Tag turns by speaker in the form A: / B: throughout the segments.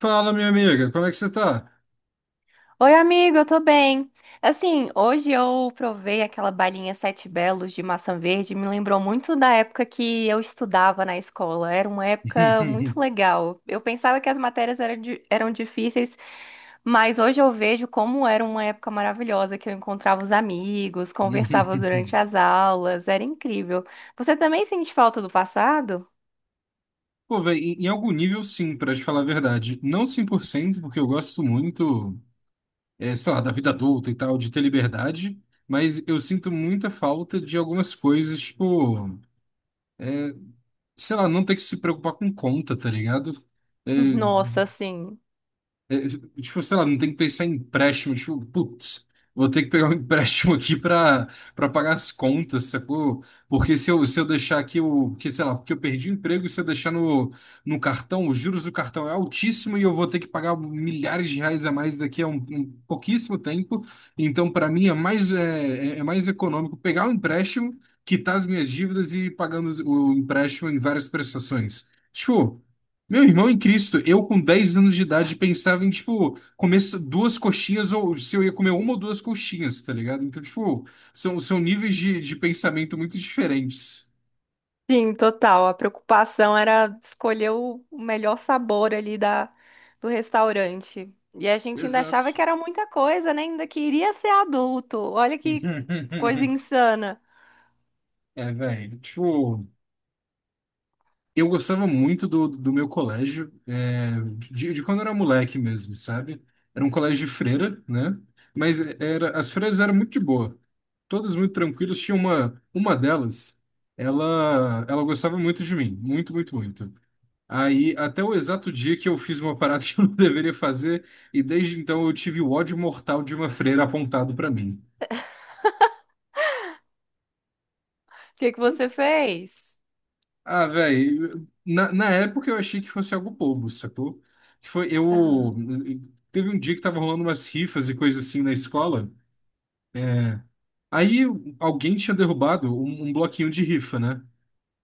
A: Fala, minha amiga, como é que você tá?
B: Oi, amigo, eu tô bem. Assim, hoje eu provei aquela balinha Sete Belos de maçã verde, me lembrou muito da época que eu estudava na escola. Era uma época muito legal. Eu pensava que as matérias eram, eram difíceis, mas hoje eu vejo como era uma época maravilhosa, que eu encontrava os amigos, conversava durante as aulas, era incrível. Você também sente falta do passado?
A: Pô, velho, em algum nível, sim, pra te falar a verdade. Não 100%, porque eu gosto muito, é, sei lá, da vida adulta e tal, de ter liberdade, mas eu sinto muita falta de algumas coisas, tipo, sei lá, não ter que se preocupar com conta, tá ligado? Eh,
B: Nossa, sim.
A: É, tipo, sei lá, não tem que pensar em empréstimo. Tipo, putz, vou ter que pegar um empréstimo aqui pra pagar as contas, sacou? Porque se eu deixar aqui o. Porque, sei lá, porque eu perdi o emprego, se eu deixar no cartão, os juros do cartão é altíssimo e eu vou ter que pagar milhares de reais a mais daqui a um pouquíssimo tempo. Então, para mim, é mais, é mais econômico pegar o empréstimo, quitar as minhas dívidas e ir pagando o empréstimo em várias prestações. Tipo. Meu irmão em Cristo, eu com 10 anos de idade pensava em, tipo, comer duas coxinhas, ou se eu ia comer uma ou duas coxinhas, tá ligado? Então, tipo, são níveis de pensamento muito diferentes.
B: Sim, total. A preocupação era escolher o melhor sabor ali da, do restaurante. E a gente ainda achava
A: Exato.
B: que era muita coisa, né? Ainda queria ser adulto. Olha que coisa insana.
A: É, velho. Tipo, eu gostava muito do meu colégio, é, de quando eu era moleque mesmo, sabe? Era um colégio de freira, né? Mas era, as freiras eram muito de boa, todas muito tranquilas. Tinha uma delas, ela gostava muito de mim, muito, muito, muito. Aí, até o exato dia que eu fiz uma parada que eu não deveria fazer, e desde então eu tive o ódio mortal de uma freira apontado pra mim.
B: O que que você fez?
A: Ah, velho, na época eu achei que fosse algo bobo, sacou? Que foi, eu
B: Aham.
A: teve um dia que tava rolando umas rifas e coisa assim na escola. Aí alguém tinha derrubado um bloquinho de rifa, né?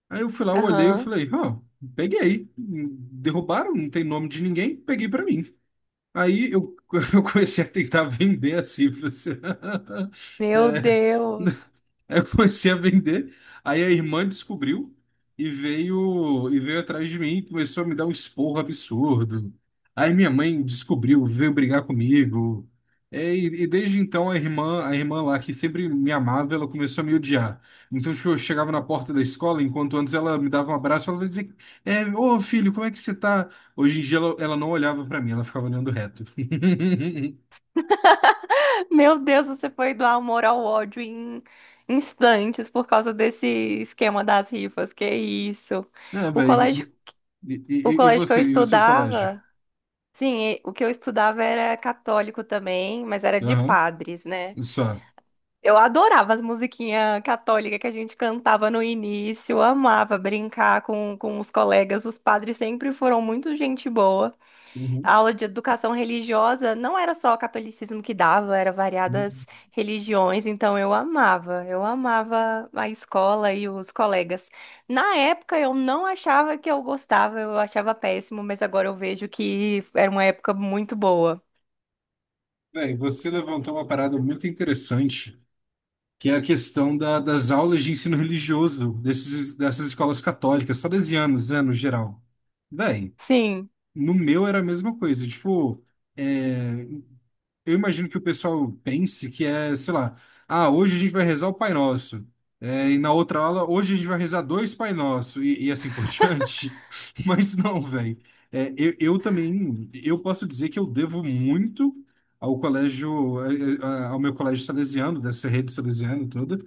A: Aí eu fui lá, eu olhei, eu
B: Aham.
A: falei, ó, peguei. Derrubaram, não tem nome de ninguém, peguei pra mim. Aí eu, eu comecei a tentar vender as rifas.
B: Meu
A: É.
B: Deus.
A: Aí eu comecei a vender. Aí a irmã descobriu e veio atrás de mim, e começou a me dar um esporro absurdo. Aí minha mãe descobriu, veio brigar comigo. É, E desde então a irmã lá que sempre me amava, ela começou a me odiar. Então, tipo, eu chegava na porta da escola, enquanto antes ela me dava um abraço, ela dizia, é, ô filho, como é que você tá? Hoje em dia ela não olhava pra mim, ela ficava olhando reto.
B: Meu Deus, você foi do amor ao ódio em instantes por causa desse esquema das rifas. Que isso?
A: É,
B: O colégio,
A: velho. E,
B: o
A: e, e
B: colégio que eu
A: você, e o seu colégio?
B: estudava. Sim, e o que eu estudava era católico também, mas era de
A: Aham.
B: padres, né?
A: Só.
B: Eu adorava as musiquinhas católicas que a gente cantava no início, eu amava brincar com os colegas. Os padres sempre foram muito gente boa. A
A: Uhum.
B: aula de educação religiosa não era só o catolicismo que dava, era
A: Uhum.
B: variadas religiões, então eu amava a escola e os colegas. Na época eu não achava que eu gostava, eu achava péssimo, mas agora eu vejo que era uma época muito boa.
A: Bem, você levantou uma parada muito interessante, que é a questão das aulas de ensino religioso dessas escolas católicas, salesianas, né, no geral. Bem,
B: Sim.
A: no meu era a mesma coisa. Tipo, eh, eu imagino que o pessoal pense que é, sei lá, ah, hoje a gente vai rezar o Pai Nosso. É, e na outra aula, hoje a gente vai rezar dois Pai Nosso e assim por diante. Mas não, velho. É, eu também, eu posso dizer que eu devo muito ao colégio, ao meu colégio salesiano, dessa rede salesiana toda.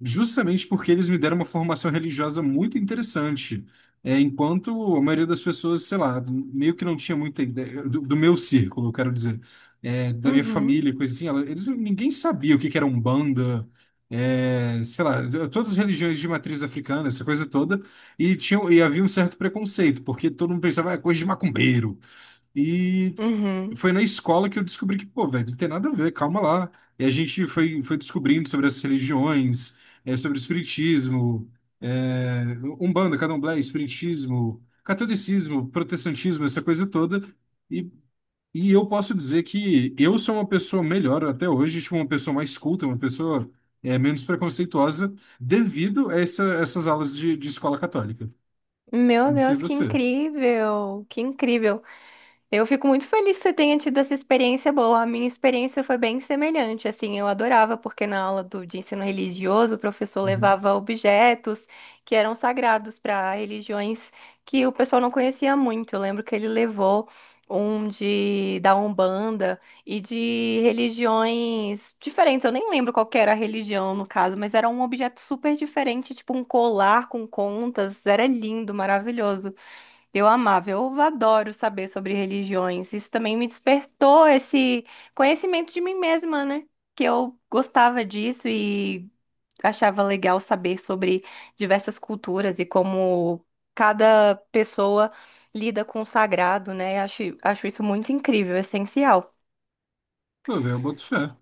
A: Justamente porque eles me deram uma formação religiosa muito interessante. É, enquanto a maioria das pessoas, sei lá, meio que não tinha muita ideia do meu círculo, eu quero dizer, é, da minha
B: Uhum,
A: família, coisa assim, eles, ninguém sabia o que que era Umbanda, é, sei lá, todas as religiões de matriz africana, essa coisa toda, e havia um certo preconceito, porque todo mundo pensava, ah, é coisa de macumbeiro.
B: uhum.
A: Foi na escola que eu descobri que, pô, velho, não tem nada a ver, calma lá. E a gente foi descobrindo sobre as religiões, é, sobre o espiritismo, é, Umbanda, Candomblé, espiritismo, catolicismo, protestantismo, essa coisa toda. E, e eu posso dizer que eu sou uma pessoa melhor até hoje, tipo, uma pessoa mais culta, uma pessoa, é, menos preconceituosa, devido a essas aulas de escola católica. Eu
B: Meu
A: não sei
B: Deus, que
A: você.
B: incrível, que incrível. Eu fico muito feliz que você tenha tido essa experiência boa. A minha experiência foi bem semelhante, assim, eu adorava porque na aula do, de ensino religioso o professor
A: Uhum.
B: levava objetos que eram sagrados para religiões que o pessoal não conhecia muito. Eu lembro que ele levou um de da Umbanda e de religiões diferentes. Eu nem lembro qual que era a religião no caso, mas era um objeto super diferente, tipo um colar com contas. Era lindo, maravilhoso. Eu amava, eu adoro saber sobre religiões. Isso também me despertou esse conhecimento de mim mesma, né? Que eu gostava disso e achava legal saber sobre diversas culturas e como cada pessoa lida com o sagrado, né? Acho, acho isso muito incrível, essencial.
A: Pô, velho, eu boto fé.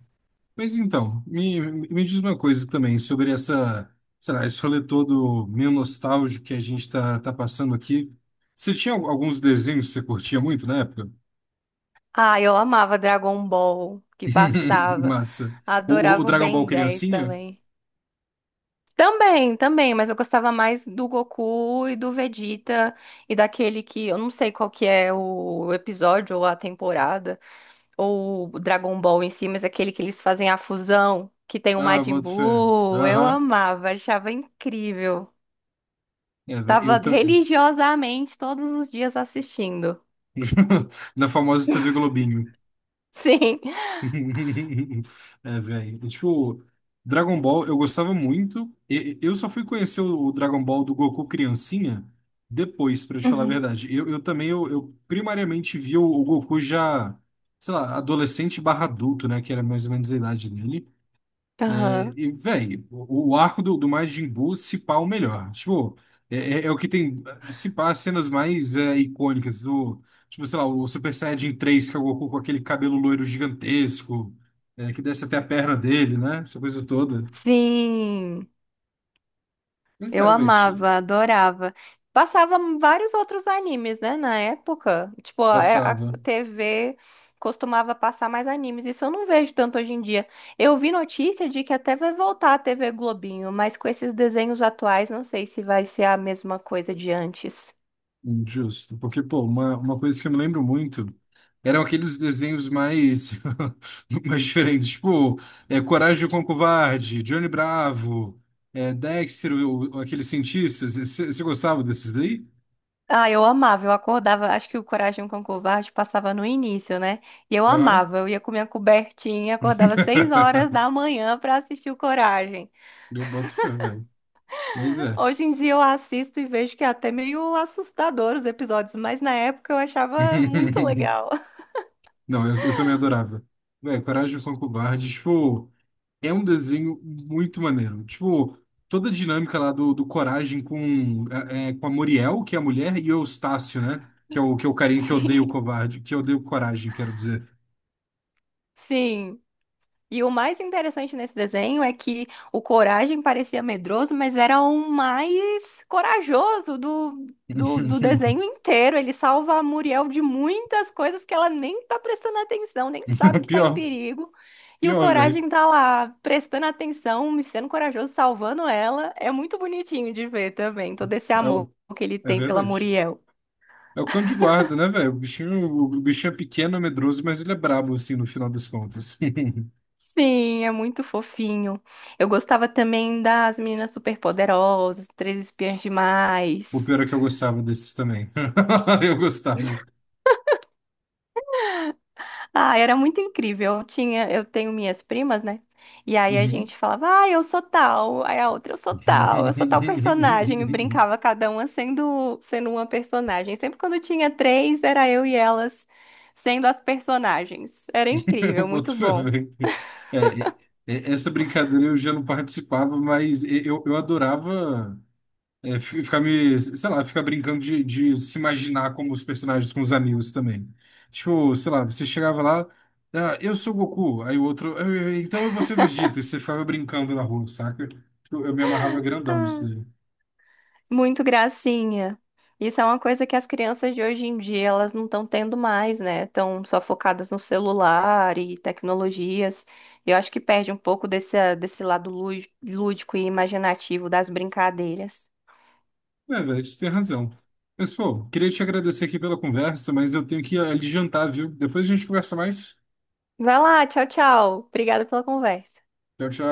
A: Mas então, me diz uma coisa também sobre essa, sei lá, esse rolê todo meio nostálgico que a gente tá passando aqui. Você tinha alguns desenhos que você curtia muito na época?
B: Ah, eu amava Dragon Ball, que passava.
A: Massa. O
B: Adorava o
A: Dragon Ball
B: Ben 10
A: Criancinha?
B: também. Também, também, mas eu gostava mais do Goku e do Vegeta e daquele que eu não sei qual que é o episódio ou a temporada ou o Dragon Ball em si, mas aquele que eles fazem a fusão que tem o
A: Ah,
B: Majin
A: boto fé.
B: Buu, eu
A: Aham.
B: amava, achava incrível.
A: É, véi,
B: Tava
A: eu tô...
B: religiosamente todos os dias assistindo.
A: Na famosa TV Globinho.
B: Sim.
A: É, velho. É, tipo, Dragon Ball eu gostava muito. Eu só fui conhecer o Dragon Ball do Goku criancinha depois, pra te falar a
B: Uhum.
A: verdade. Eu também, eu primariamente vi o Goku já, sei lá, adolescente barra adulto, né? Que era mais ou menos a idade dele.
B: Aham.
A: E, velho, o arco do Majin Buu, se pá, o melhor. Tipo, é o que tem, se pá, as cenas mais é, icônicas do, tipo, sei lá, o Super Saiyajin 3 que é o Goku com aquele cabelo loiro gigantesco, é, que desce até a perna dele, né? Essa coisa toda.
B: Sim.
A: Mas
B: Eu
A: é, velho,
B: amava, adorava. Passava vários outros animes, né, na época. Tipo, a, é, a
A: passava.
B: TV costumava passar mais animes. Isso eu não vejo tanto hoje em dia. Eu vi notícia de que até vai voltar a TV Globinho, mas com esses desenhos atuais, não sei se vai ser a mesma coisa de antes.
A: Justo, porque, pô, uma coisa que eu me lembro muito eram aqueles desenhos mais, mais diferentes, tipo, é, Coragem com o Covarde, Johnny Bravo, é, Dexter, o, aqueles cientistas. Você gostava desses daí?
B: Ah, eu amava, eu acordava, acho que o Coragem com o Covarde passava no início, né? E eu
A: Aham.
B: amava, eu ia com minha cobertinha, acordava seis horas da manhã pra assistir o Coragem.
A: Eu boto fé, velho. Mas é.
B: Hoje em dia eu assisto e vejo que é até meio assustador os episódios, mas na época eu achava muito legal.
A: Não, eu também adorava. Velho, Coragem com o Covarde, tipo. É um desenho muito maneiro. Tipo, toda a dinâmica lá do Coragem com, com a Muriel, que é a mulher, e o Eustácio, né? Que é o carinha que odeia o
B: Sim,
A: covarde, que odeia o Coragem, quero dizer.
B: sim. E o mais interessante nesse desenho é que o Coragem parecia medroso, mas era o mais corajoso do, do desenho inteiro. Ele salva a Muriel de muitas coisas que ela nem tá prestando atenção, nem sabe que tá em
A: Pior,
B: perigo. E o
A: pior, velho.
B: Coragem tá lá prestando atenção, sendo corajoso, salvando ela. É muito bonitinho de ver também, todo esse
A: É,
B: amor que ele
A: é
B: tem pela
A: verdade.
B: Muriel.
A: É o cão de guarda, né, velho? O bichinho é pequeno, é medroso, mas ele é brabo, assim, no final das contas.
B: Sim, é muito fofinho. Eu gostava também das Meninas Superpoderosas, Três Espiãs
A: O
B: Demais.
A: pior é que eu gostava desses também. Eu gostava.
B: Ah, era muito incrível. Eu tinha, eu tenho minhas primas, né? E aí a
A: Uhum.
B: gente falava, ah, eu sou tal, aí a outra eu sou tal personagem, e brincava cada uma sendo uma personagem. Sempre quando tinha três, era eu e elas sendo as personagens. Era incrível,
A: Eu
B: muito
A: boto fé,
B: bom.
A: velho. É, é, essa brincadeira eu já não participava, mas eu adorava é, ficar me, sei lá, ficar brincando de se imaginar como os personagens com os amigos também. Tipo, sei lá, você chegava lá, ah, eu sou Goku, aí o outro, então eu vou ser Vegeta, e você ficava brincando na rua, saca? Eu me amarrava grandão
B: Ah,
A: nisso daí.
B: muito gracinha. Isso é uma coisa que as crianças de hoje em dia elas não estão tendo mais, né? Estão só focadas no celular e tecnologias. Eu acho que perde um pouco desse, desse lado lúdico e imaginativo das brincadeiras.
A: É, velho, você tem razão. Mas, pô, queria te agradecer aqui pela conversa, mas eu tenho que ir ali jantar, viu? Depois a gente conversa mais.
B: Vai lá, tchau, tchau. Obrigada pela conversa.
A: Tchau, tchau.